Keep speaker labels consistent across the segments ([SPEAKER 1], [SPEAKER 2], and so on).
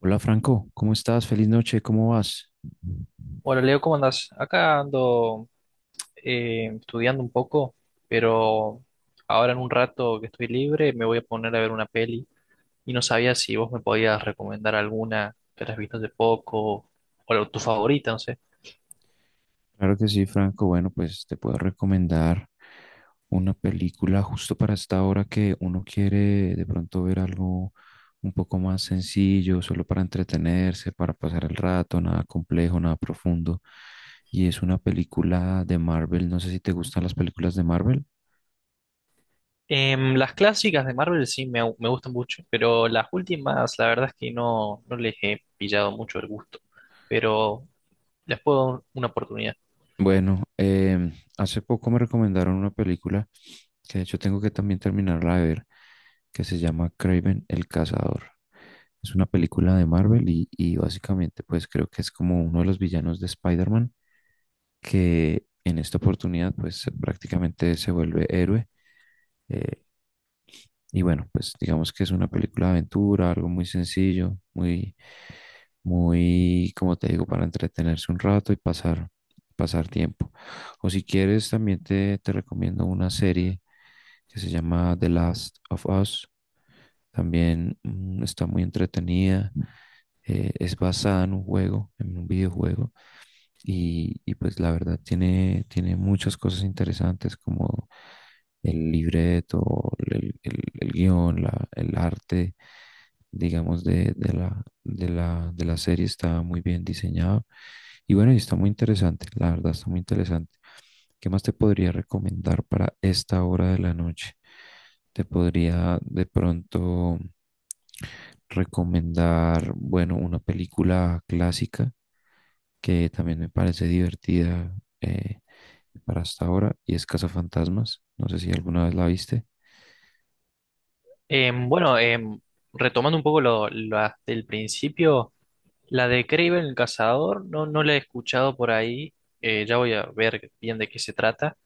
[SPEAKER 1] Hola Franco, ¿cómo estás? Feliz noche, ¿cómo vas?
[SPEAKER 2] Hola Leo, ¿cómo andas? Acá ando estudiando un poco, pero ahora en un rato que estoy libre me voy a poner a ver una peli y no sabía si vos me podías recomendar alguna que hayas visto hace poco o tu favorita, no sé.
[SPEAKER 1] Claro que sí, Franco. Bueno, pues te puedo recomendar una película justo para esta hora que uno quiere de pronto ver algo un poco más sencillo, solo para entretenerse, para pasar el rato, nada complejo, nada profundo. Y es una película de Marvel. No sé si te gustan las películas de Marvel.
[SPEAKER 2] Em, las clásicas de Marvel sí me gustan mucho, pero las últimas la verdad es que no, no les he pillado mucho el gusto, pero les puedo dar una oportunidad.
[SPEAKER 1] Bueno, hace poco me recomendaron una película que de hecho tengo que también terminarla de ver, que se llama Craven el Cazador. Es una película de Marvel y básicamente pues creo que es como uno de los villanos de Spider-Man que en esta oportunidad pues prácticamente se vuelve héroe. eh, y bueno, pues digamos que es una película de aventura, algo muy sencillo, muy, muy, como te digo, para entretenerse un rato y pasar, pasar tiempo. O si quieres, también te recomiendo una serie que se llama The Last of Us. También está muy entretenida. Es basada en un juego, en un videojuego y pues la verdad tiene, tiene muchas cosas interesantes como el libreto, el guión, el arte, digamos, de la, de la serie, está muy bien diseñado. Y bueno, y está muy interesante, la verdad está muy interesante. ¿Qué más te podría recomendar para esta hora de la noche? Te podría de pronto recomendar, bueno, una película clásica que también me parece divertida eh, para hasta ahora, y es Cazafantasmas. No sé si alguna vez la viste.
[SPEAKER 2] Bueno, retomando un poco las del principio. La de Kraven el Cazador, no, no la he escuchado por ahí. Ya voy a ver bien de qué se trata.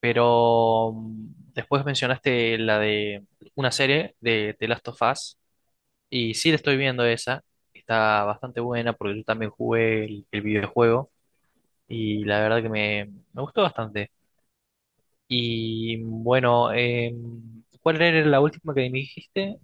[SPEAKER 2] Pero después mencionaste la de una serie de The Last of Us. Y sí, la estoy viendo esa. Está bastante buena porque yo también jugué el videojuego. Y la verdad que me gustó bastante. Y bueno, em, ¿cuál era la última que me dijiste?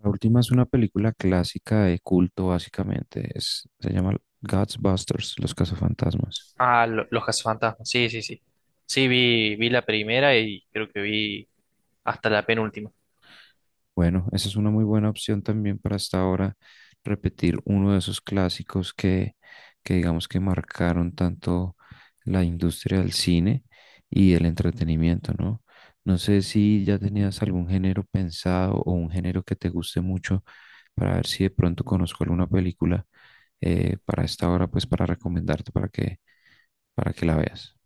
[SPEAKER 1] La última es una película clásica de culto, básicamente. Es, se llama Ghostbusters, Los Cazafantasmas.
[SPEAKER 2] Ah, Los Cazafantasmas. Sí, sí, sí. Sí, vi la primera y creo que vi hasta la penúltima.
[SPEAKER 1] Bueno, esa es una muy buena opción también para hasta ahora repetir uno de esos clásicos que digamos que marcaron tanto la industria del cine y el entretenimiento, ¿no? No sé si ya tenías algún género pensado o un género que te guste mucho para ver si de pronto conozco alguna película para esta hora, pues para recomendarte para que la veas.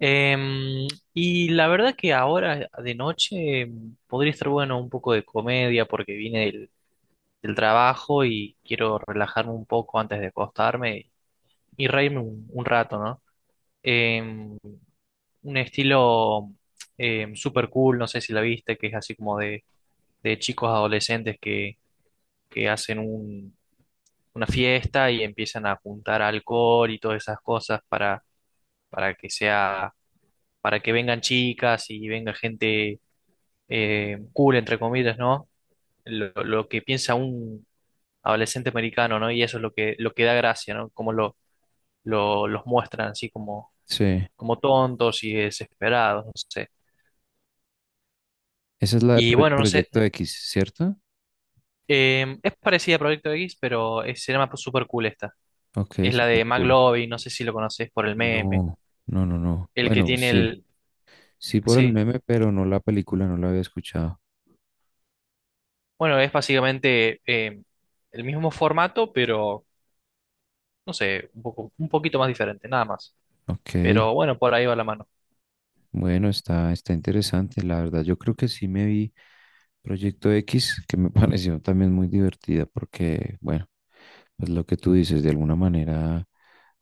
[SPEAKER 2] Em, y la verdad que ahora de noche podría estar bueno un poco de comedia porque vine del trabajo y quiero relajarme un poco antes de acostarme y reírme un rato, ¿no? Em, un estilo super cool, no sé si la viste, que es así como de chicos adolescentes que hacen una fiesta y empiezan a juntar alcohol y todas esas cosas para que sea, para que vengan chicas y venga gente cool, entre comillas, ¿no? Lo que piensa un adolescente americano, ¿no? Y eso es lo que da gracia, ¿no? Cómo los muestran así como,
[SPEAKER 1] Sí,
[SPEAKER 2] como tontos y desesperados, no sé.
[SPEAKER 1] esa es la de
[SPEAKER 2] Y bueno, no sé,
[SPEAKER 1] Proyecto X, ¿cierto?
[SPEAKER 2] es parecida a Proyecto X, pero se llama Super Cool esta.
[SPEAKER 1] Ok,
[SPEAKER 2] Es la
[SPEAKER 1] super
[SPEAKER 2] de
[SPEAKER 1] cool.
[SPEAKER 2] McLovin, no sé si lo conoces por el meme,
[SPEAKER 1] No, no, no, no.
[SPEAKER 2] el que
[SPEAKER 1] Bueno, pues
[SPEAKER 2] tiene
[SPEAKER 1] sí,
[SPEAKER 2] el...
[SPEAKER 1] sí por el
[SPEAKER 2] Sí,
[SPEAKER 1] meme, pero no la película, no la había escuchado.
[SPEAKER 2] bueno, es básicamente el mismo formato, pero, no sé, un poco, un poquito más diferente, nada más.
[SPEAKER 1] Ok,
[SPEAKER 2] Pero bueno, por ahí va la mano.
[SPEAKER 1] bueno, está, está interesante, la verdad. Yo creo que sí me vi Proyecto X, que me pareció también muy divertida, porque, bueno, pues lo que tú dices, de alguna manera,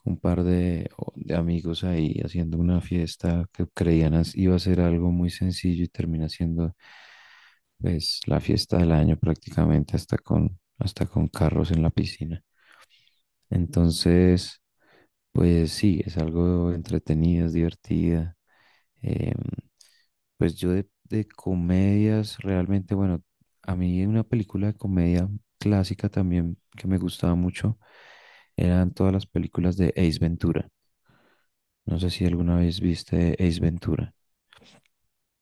[SPEAKER 1] un par de, de amigos ahí haciendo una fiesta que creían iba a ser algo muy sencillo y termina siendo, pues, la fiesta del año prácticamente, hasta con carros en la piscina. Entonces, pues sí, es algo entretenido, es divertida. Em, pues yo de comedias, realmente, bueno, a mí una película de comedia clásica también que me gustaba mucho eran todas las películas de Ace Ventura. No sé si alguna vez viste Ace Ventura,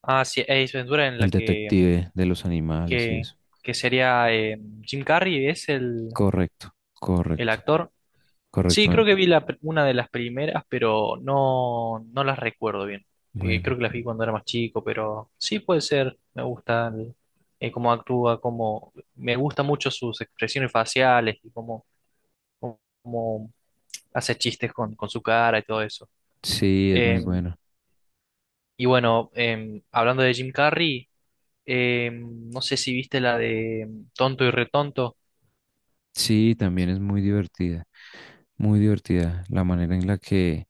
[SPEAKER 2] Ah, sí, Ace Ventura en
[SPEAKER 1] el
[SPEAKER 2] la
[SPEAKER 1] detective de los animales y
[SPEAKER 2] que,
[SPEAKER 1] eso.
[SPEAKER 2] que sería Jim Carrey, es
[SPEAKER 1] Correcto,
[SPEAKER 2] el
[SPEAKER 1] correcto,
[SPEAKER 2] actor. Sí,
[SPEAKER 1] correcto.
[SPEAKER 2] creo que vi una de las primeras, pero no, no las recuerdo bien.
[SPEAKER 1] Bueno,
[SPEAKER 2] Creo que las vi cuando era más chico, pero sí puede ser. Me gusta cómo actúa, cómo, me gusta mucho sus expresiones faciales y cómo hace chistes con su cara y todo eso.
[SPEAKER 1] sí, es muy
[SPEAKER 2] Eh,
[SPEAKER 1] bueno.
[SPEAKER 2] y bueno, hablando de Jim Carrey. No sé si viste la de Tonto y Retonto.
[SPEAKER 1] Sí, también es muy divertida la manera en la que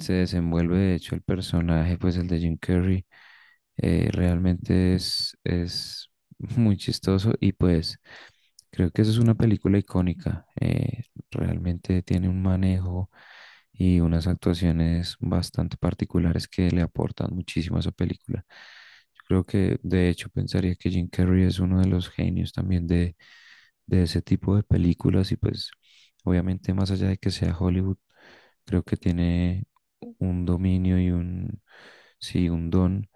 [SPEAKER 1] se desenvuelve de hecho el personaje, pues el de Jim Carrey. Realmente es muy chistoso y pues creo que eso es una película icónica. Realmente tiene un manejo y unas actuaciones bastante particulares que le aportan muchísimo a esa película. Yo creo que de hecho pensaría que Jim Carrey es uno de los genios también de ese tipo de películas y pues obviamente más allá de que sea Hollywood, creo que tiene un dominio y un, sí, un don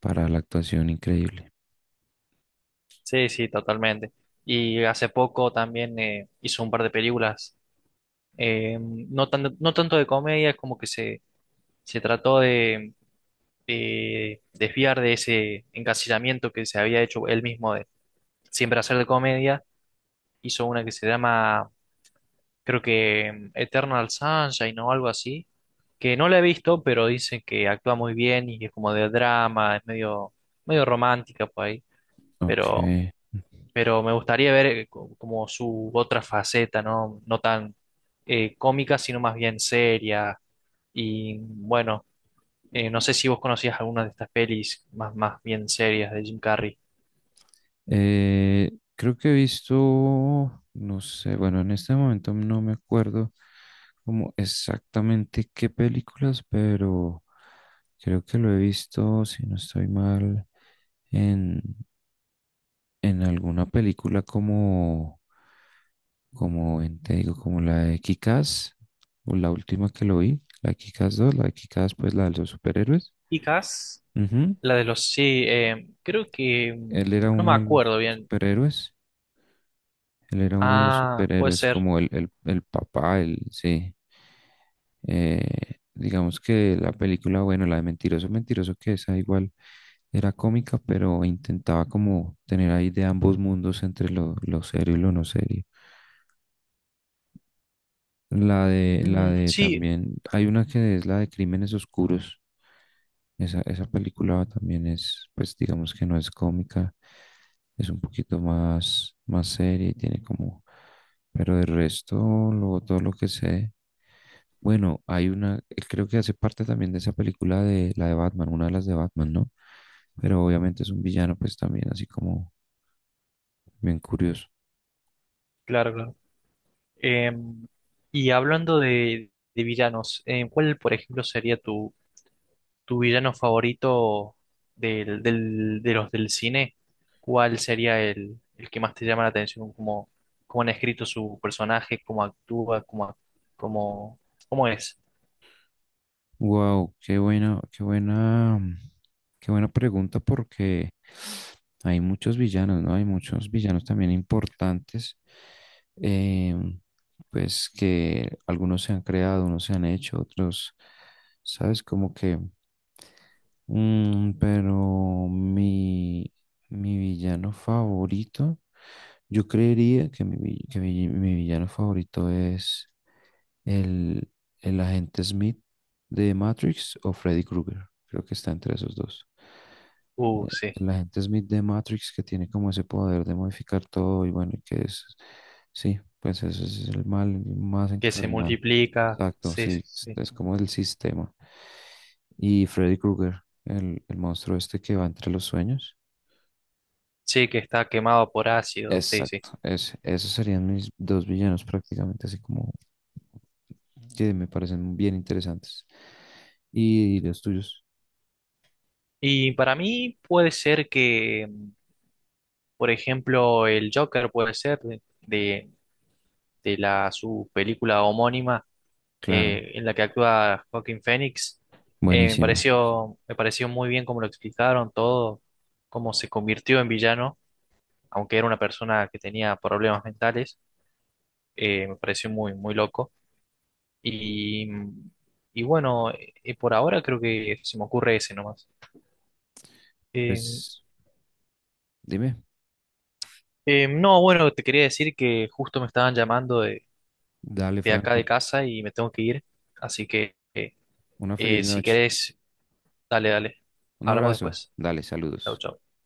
[SPEAKER 1] para la actuación increíble.
[SPEAKER 2] Sí, sí, totalmente. Y hace poco también hizo un par de películas, no no tanto de comedia, es como que se trató de desviar de ese encasillamiento que se había hecho él mismo de siempre hacer de comedia. Hizo una que se llama, creo que Eternal Sunshine o algo así, que no la he visto, pero dicen que actúa muy bien y es como de drama, es medio romántica por ahí.
[SPEAKER 1] Ok.
[SPEAKER 2] pero, pero me gustaría ver como su otra faceta, ¿no? No tan cómica, sino más bien seria. Y bueno, no sé si vos conocías alguna de estas pelis más, más bien serias de Jim Carrey.
[SPEAKER 1] Creo que he visto, no sé, bueno, en este momento no me acuerdo como exactamente qué películas, pero creo que lo he visto, si no estoy mal, en, en alguna película como, te digo, como la de Kikas, o la última que lo vi, la de Kikas 2, la de Kikas, pues la de los superhéroes.
[SPEAKER 2] Chicas,
[SPEAKER 1] Ujú.
[SPEAKER 2] la de los, sí, creo que, mm,
[SPEAKER 1] Él era
[SPEAKER 2] no me
[SPEAKER 1] uno de los
[SPEAKER 2] acuerdo bien.
[SPEAKER 1] superhéroes. Él era uno de los
[SPEAKER 2] Ah, puede
[SPEAKER 1] superhéroes,
[SPEAKER 2] ser.
[SPEAKER 1] como el papá, el, sí. Digamos que la película, bueno, la de Mentiroso, Mentiroso, que esa igual era cómica, pero intentaba como tener ahí de ambos mundos entre lo serio y lo no serio. La
[SPEAKER 2] Mm,
[SPEAKER 1] de
[SPEAKER 2] sí,
[SPEAKER 1] también, hay una que es la de Crímenes Oscuros. Esa película también es, pues digamos que no es cómica, es un poquito más, más seria y tiene como, pero de resto, luego todo lo que sé, bueno, hay una, creo que hace parte también de esa película de la de Batman, una de las de Batman, ¿no? Pero obviamente es un villano, pues también así como bien curioso.
[SPEAKER 2] claro, claro. Em, y hablando de villanos, ¿cuál, por ejemplo, sería tu villano favorito de los del cine? ¿Cuál sería el que más te llama la atención? ¿Cómo, cómo han escrito su personaje? ¿Cómo actúa? ¿Cómo, cómo, cómo es?
[SPEAKER 1] Wow, qué buena, mm, qué buena pregunta porque hay muchos villanos, ¿no? Hay muchos villanos también importantes, eh, pues que algunos se han creado, unos se han hecho, otros, ¿sabes? Como que, mm, pero mi villano favorito, yo creería que mi, vi- que mi mi villano favorito es el, el agente Smith de Matrix o Freddy Krueger. Creo que está entre esos dos.
[SPEAKER 2] Sí.
[SPEAKER 1] El agente Smith de Matrix que tiene como ese poder de modificar todo y bueno, y que es, sí, pues ese es el mal más
[SPEAKER 2] Que se
[SPEAKER 1] encarnado.
[SPEAKER 2] multiplica.
[SPEAKER 1] Exacto,
[SPEAKER 2] Sí,
[SPEAKER 1] sí,
[SPEAKER 2] sí, sí.
[SPEAKER 1] es como el sistema. Y Freddy Krueger, el monstruo este que va entre los sueños.
[SPEAKER 2] Sí, que está quemado por ácido. Sí, sí.
[SPEAKER 1] Exacto, es esos serían mis dos villanos prácticamente, así como que me parecen bien interesantes. ¿Y los tuyos?
[SPEAKER 2] Y para mí puede ser que, mm, por ejemplo, el Joker puede ser de la, su película homónima
[SPEAKER 1] Claro,
[SPEAKER 2] en la que actúa Joaquín Phoenix. Me
[SPEAKER 1] buenísima.
[SPEAKER 2] pareció, me pareció muy bien cómo lo explicaron todo, cómo se convirtió en villano, aunque era una persona que tenía problemas mentales. Me pareció muy, muy loco. Y, y bueno, por ahora creo que se me ocurre ese nomás. Eh,
[SPEAKER 1] Pues dime,
[SPEAKER 2] no, bueno, te quería decir que justo me estaban llamando
[SPEAKER 1] dale,
[SPEAKER 2] de acá de
[SPEAKER 1] Franco,
[SPEAKER 2] casa y me tengo que ir. Así que
[SPEAKER 1] una feliz
[SPEAKER 2] si
[SPEAKER 1] noche.
[SPEAKER 2] querés, dale, dale.
[SPEAKER 1] Un
[SPEAKER 2] Hablamos
[SPEAKER 1] abrazo.
[SPEAKER 2] después.
[SPEAKER 1] Dale,
[SPEAKER 2] Chau,
[SPEAKER 1] saludos.
[SPEAKER 2] chau.